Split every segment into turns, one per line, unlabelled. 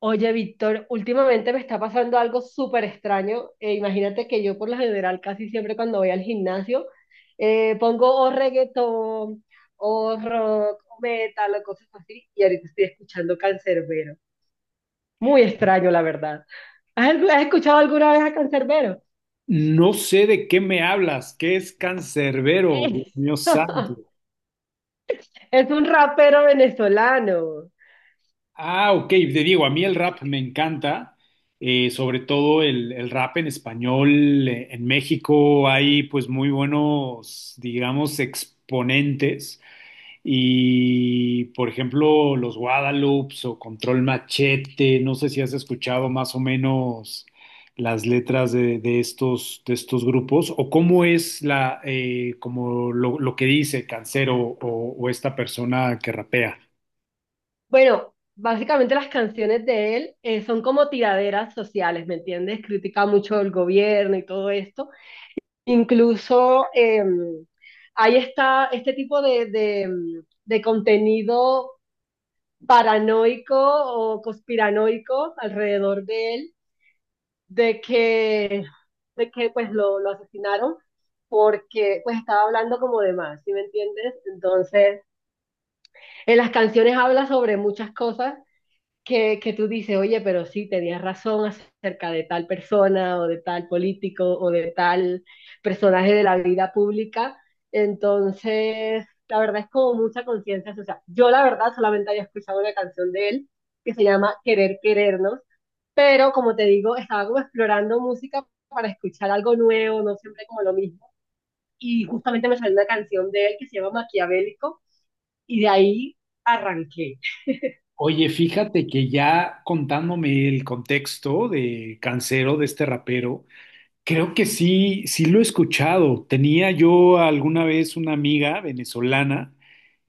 Oye, Víctor, últimamente me está pasando algo súper extraño. Imagínate que yo por lo general casi siempre cuando voy al gimnasio pongo o reggaetón o rock o metal o cosas así, y ahorita estoy escuchando Canserbero. Muy extraño, la verdad. ¿Has escuchado alguna vez a Canserbero?
No sé de qué me hablas, qué es Cancerbero, Dios mío santo.
Es un rapero venezolano.
Ah, ok, te digo, a mí el rap me encanta, sobre todo el rap en español. En México hay pues muy buenos, digamos, exponentes. Y, por ejemplo, los Guadalupes o Control Machete, no sé si has escuchado más o menos las letras de estos grupos o cómo es lo que dice Cancero o esta persona que rapea.
Bueno, básicamente las canciones de él son como tiraderas sociales, ¿me entiendes? Critica mucho el gobierno y todo esto. Incluso hay este tipo de contenido paranoico o conspiranoico alrededor de él, de que, de que pues lo asesinaron porque pues estaba hablando como de más, ¿sí me entiendes? Entonces, en las canciones habla sobre muchas cosas que tú dices, oye, pero sí, tenías razón acerca de tal persona o de tal político o de tal personaje de la vida pública. Entonces, la verdad es como mucha conciencia social. Yo la verdad solamente había escuchado una canción de él que se llama Querer Querernos, pero como te digo, estaba como explorando música para escuchar algo nuevo, no siempre como lo mismo. Y justamente me salió una canción de él que se llama Maquiavélico y de ahí arranqué.
Oye, fíjate que ya contándome el contexto de Cancero, de este rapero, creo que sí, sí lo he escuchado. Tenía yo alguna vez una amiga venezolana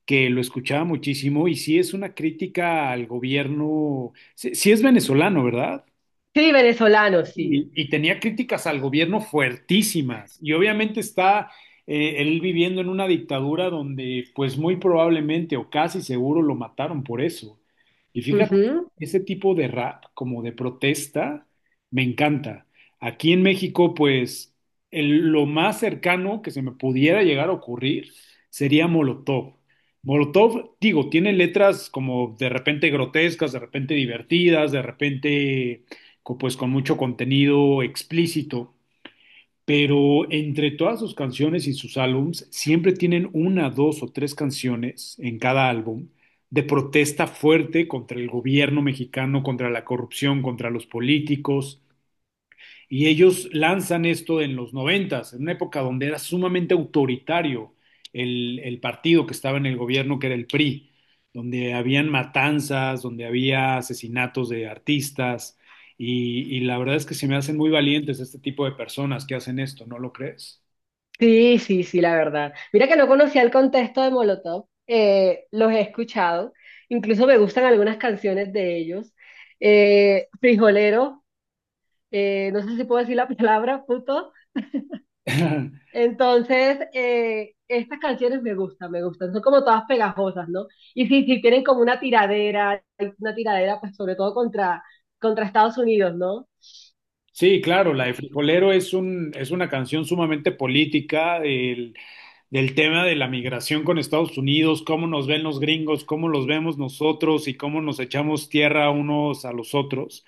que lo escuchaba muchísimo y sí es una crítica al gobierno, sí, sí es venezolano, ¿verdad?
Sí, venezolano, sí.
Y tenía críticas al gobierno fuertísimas. Y obviamente está él viviendo en una dictadura donde pues muy probablemente o casi seguro lo mataron por eso. Y fíjate,
Ujú.
ese tipo de rap como de protesta me encanta. Aquí en México pues lo más cercano que se me pudiera llegar a ocurrir sería Molotov. Molotov, digo, tiene letras como de repente grotescas, de repente divertidas, de repente pues con mucho contenido explícito, pero entre todas sus canciones y sus álbums siempre tienen una, dos o tres canciones en cada álbum de protesta fuerte contra el gobierno mexicano, contra la corrupción, contra los políticos. Y ellos lanzan esto en los noventas, en una época donde era sumamente autoritario el partido que estaba en el gobierno, que era el PRI, donde habían matanzas, donde había asesinatos de artistas, y la verdad es que se me hacen muy valientes este tipo de personas que hacen esto, ¿no lo crees?
Sí, sí, sí, la verdad. Mira que no conocía el contexto de Molotov, los he escuchado, incluso me gustan algunas canciones de ellos. Frijolero, no sé si puedo decir la palabra, puto. Entonces, estas canciones me gustan, son como todas pegajosas, ¿no? Y sí, sí, tienen como una tiradera pues sobre todo contra Estados Unidos, ¿no?
Sí, claro, la de Frijolero es una canción sumamente política, del tema de la migración con Estados Unidos, cómo nos ven los gringos, cómo los vemos nosotros y cómo nos echamos tierra unos a los otros.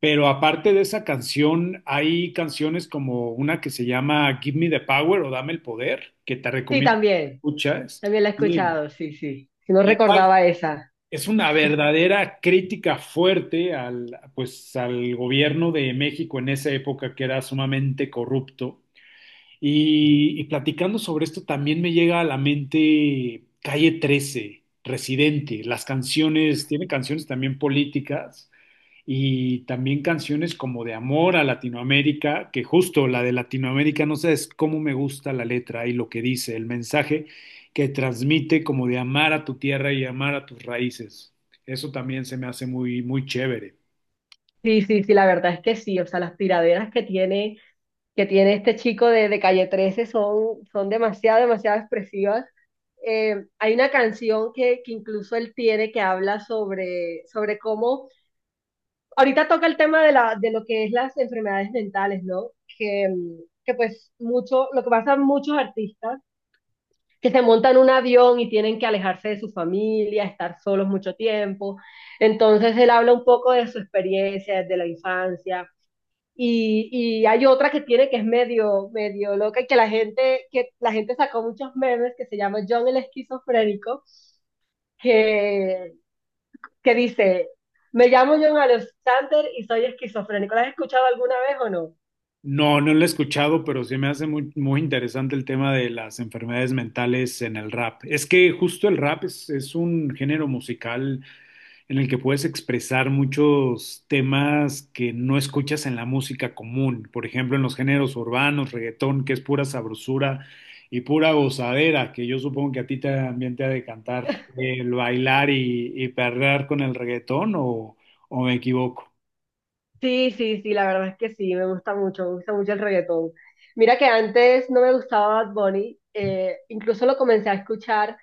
Pero aparte de esa canción, hay canciones como una que se llama Give Me the Power o Dame el Poder, que te
Sí,
recomiendo que
también,
escuchas.
también la he
Y
escuchado, sí, sí, si no
esa
recordaba esa.
es una verdadera crítica fuerte al, pues, al gobierno de México en esa época que era sumamente corrupto, y platicando sobre esto, también me llega a la mente Calle 13, Residente, las canciones, tiene canciones también políticas y también canciones como de amor a Latinoamérica, que justo la de Latinoamérica, no sabes cómo me gusta la letra y lo que dice, el mensaje que transmite como de amar a tu tierra y amar a tus raíces. Eso también se me hace muy, muy chévere.
Sí, sí, sí, la verdad es que sí, o sea, las tiraderas que tiene, este chico de Calle 13 son, son demasiado, demasiado expresivas. Hay una canción que incluso él tiene, que habla sobre cómo, ahorita toca el tema de lo que es las enfermedades mentales, ¿no? Que, mm, que pues mucho, lo que pasa a muchos artistas, que se montan en un avión y tienen que alejarse de su familia, estar solos mucho tiempo. Entonces él habla un poco de su experiencia de la infancia, y, y hay otra que tiene, que es medio, medio loca, y que la gente sacó muchos memes, que se llama John el esquizofrénico, que, que dice, me llamo John Alexander y soy esquizofrénico. ¿La has escuchado alguna vez o no?
No, no lo he escuchado, pero sí me hace muy, muy interesante el tema de las enfermedades mentales en el rap. Es que justo el rap es un género musical en el que puedes expresar muchos temas que no escuchas en la música común. Por ejemplo, en los géneros urbanos, reggaetón, que es pura sabrosura y pura gozadera, que yo supongo que a ti también te ha de cantar el bailar y perrear con el reggaetón, o me equivoco.
Sí, sí, sí, la verdad es que sí, me gusta mucho el reggaetón. Mira que antes no me gustaba Bad Bunny, incluso lo comencé a escuchar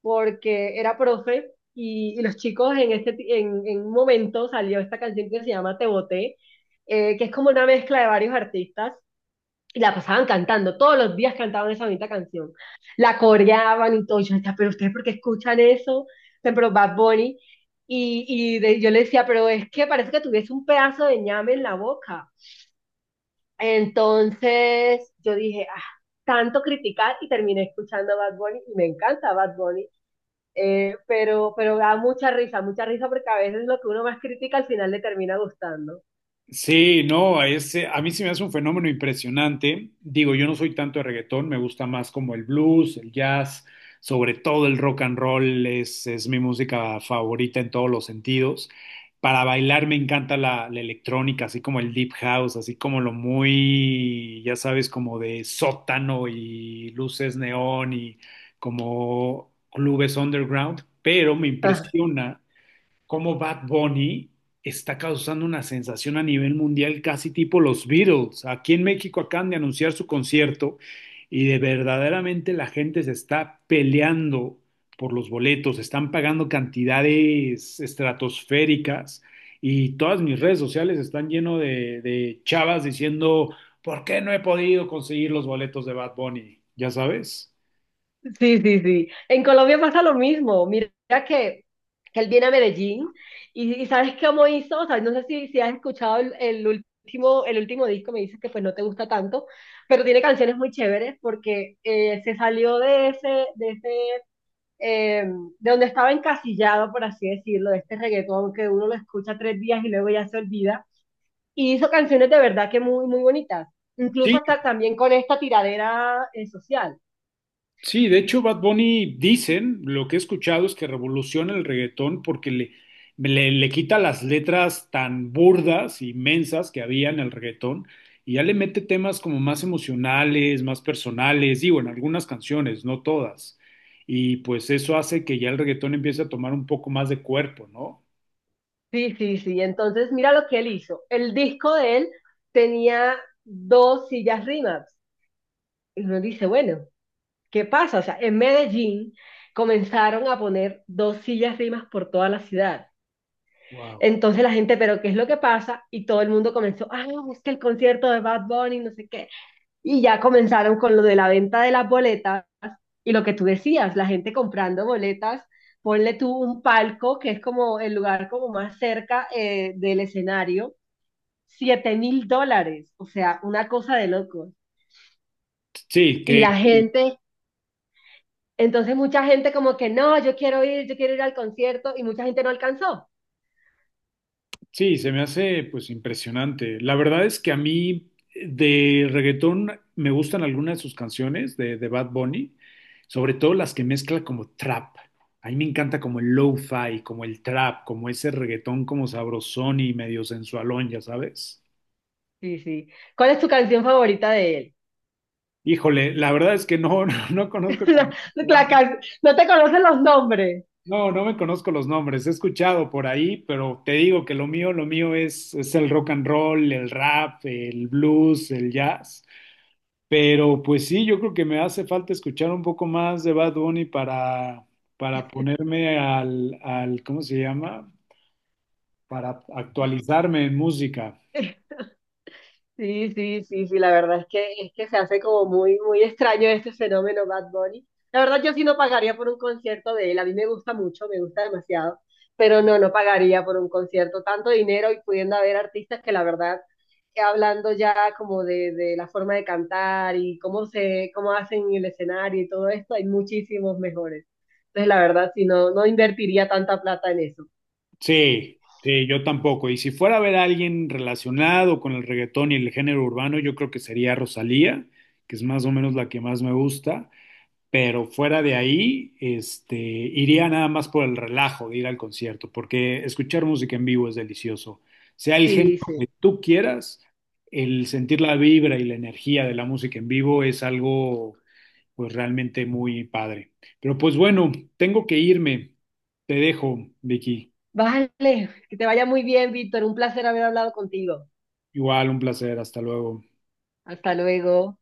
porque era profe y los chicos en, este, ti- en un momento salió esta canción que se llama Te Boté, que es como una mezcla de varios artistas, y la pasaban cantando, todos los días cantaban esa bonita canción, la coreaban y todo. Yo decía, pero ustedes, ¿por qué escuchan eso? O sea, pero Bad Bunny, y yo le decía, pero es que parece que tuviese un pedazo de ñame en la boca. Entonces yo dije, ah, tanto criticar y terminé escuchando Bad Bunny, y me encanta Bad Bunny, pero, da mucha risa, mucha risa, porque a veces lo que uno más critica al final le termina gustando.
Sí, no, a mí sí me hace un fenómeno impresionante. Digo, yo no soy tanto de reggaetón, me gusta más como el blues, el jazz, sobre todo el rock and roll es mi música favorita en todos los sentidos. Para bailar me encanta la electrónica, así como el deep house, así como lo muy, ya sabes, como de sótano y luces neón y como clubes underground, pero me
Ah,
impresiona cómo Bad Bunny está causando una sensación a nivel mundial casi tipo los Beatles. Aquí en México acaban de anunciar su concierto y de verdaderamente la gente se está peleando por los boletos, están pagando cantidades estratosféricas y todas mis redes sociales están lleno de chavas diciendo, ¿por qué no he podido conseguir los boletos de Bad Bunny? Ya sabes.
sí, sí, sí. En Colombia pasa lo mismo. Mira que, que él viene a Medellín, y ¿sabes cómo hizo? O sea, no sé si has escuchado el, el último disco. Me dices que pues no te gusta tanto, pero tiene canciones muy chéveres porque se salió de ese, de ese, eh, de donde estaba encasillado, por así decirlo, de este reggaetón que uno lo escucha 3 días y luego ya se olvida, y hizo canciones de verdad que muy, muy bonitas, incluso
Sí,
hasta también con esta tiradera social.
sí, de hecho, Bad Bunny dicen, lo que he escuchado es que revoluciona el reggaetón porque le quita las letras tan burdas, y mensas que había en el reggaetón y ya le mete temas como más emocionales, más personales, digo, en algunas canciones, no todas. Y pues eso hace que ya el reggaetón empiece a tomar un poco más de cuerpo, ¿no?
Sí, sí, sí, entonces mira lo que él hizo. El disco de él tenía dos sillas rimas. Y uno dice, bueno, ¿qué pasa? O sea, en Medellín comenzaron a poner dos sillas rimas por toda la ciudad.
Wow.
Entonces la gente, pero ¿qué es lo que pasa? Y todo el mundo comenzó, ah, es que el concierto de Bad Bunny, no sé qué. Y ya comenzaron con lo de la venta de las boletas, y lo que tú decías, la gente comprando boletas, ponle tú un palco, que es como el lugar como más cerca del escenario, 7.000 dólares, o sea, una cosa de locos.
Sí,
Y
que,
la gente, entonces mucha gente como que no, yo quiero ir al concierto, y mucha gente no alcanzó.
Sí, se me hace pues impresionante. La verdad es que a mí de reggaetón me gustan algunas de sus canciones de Bad Bunny, sobre todo las que mezcla como trap. A mí me encanta como el lo-fi, como el trap, como ese reggaetón como sabrosón y medio sensualón, ya sabes.
Sí, sí. ¿Cuál es tu canción favorita de él?
Híjole, la verdad es que no, no, no conozco
La- no te conocen los nombres.
no, no me conozco los nombres. He escuchado por ahí, pero te digo que lo mío es el rock and roll, el rap, el blues, el jazz. Pero pues sí, yo creo que me hace falta escuchar un poco más de Bad Bunny para, ponerme al, ¿cómo se llama? Para actualizarme en música.
Sí, sí, sí, sí, la verdad es que, se hace como muy, muy extraño este fenómeno Bad Bunny. La verdad yo sí no pagaría por un concierto de él, a mí me gusta mucho, me gusta demasiado, pero no, no pagaría por un concierto tanto dinero, y pudiendo haber artistas que la verdad, hablando ya como de la forma de cantar y cómo hacen el escenario y todo esto, hay muchísimos mejores. Entonces la verdad sí, no, no invertiría tanta plata en eso.
Sí, sí, yo tampoco. Y si fuera a ver a alguien relacionado con el reggaetón y el género urbano, yo creo que sería Rosalía, que es más o menos la que más me gusta. Pero fuera de ahí, iría nada más por el relajo de ir al concierto, porque escuchar música en vivo es delicioso. Sea el género
Sí,
que
sí.
tú quieras, el sentir la vibra y la energía de la música en vivo es algo, pues realmente muy padre. Pero pues bueno, tengo que irme. Te dejo, Vicky.
Vale, que te vaya muy bien, Víctor, un placer haber hablado contigo.
Igual, un placer. Hasta luego.
Hasta luego.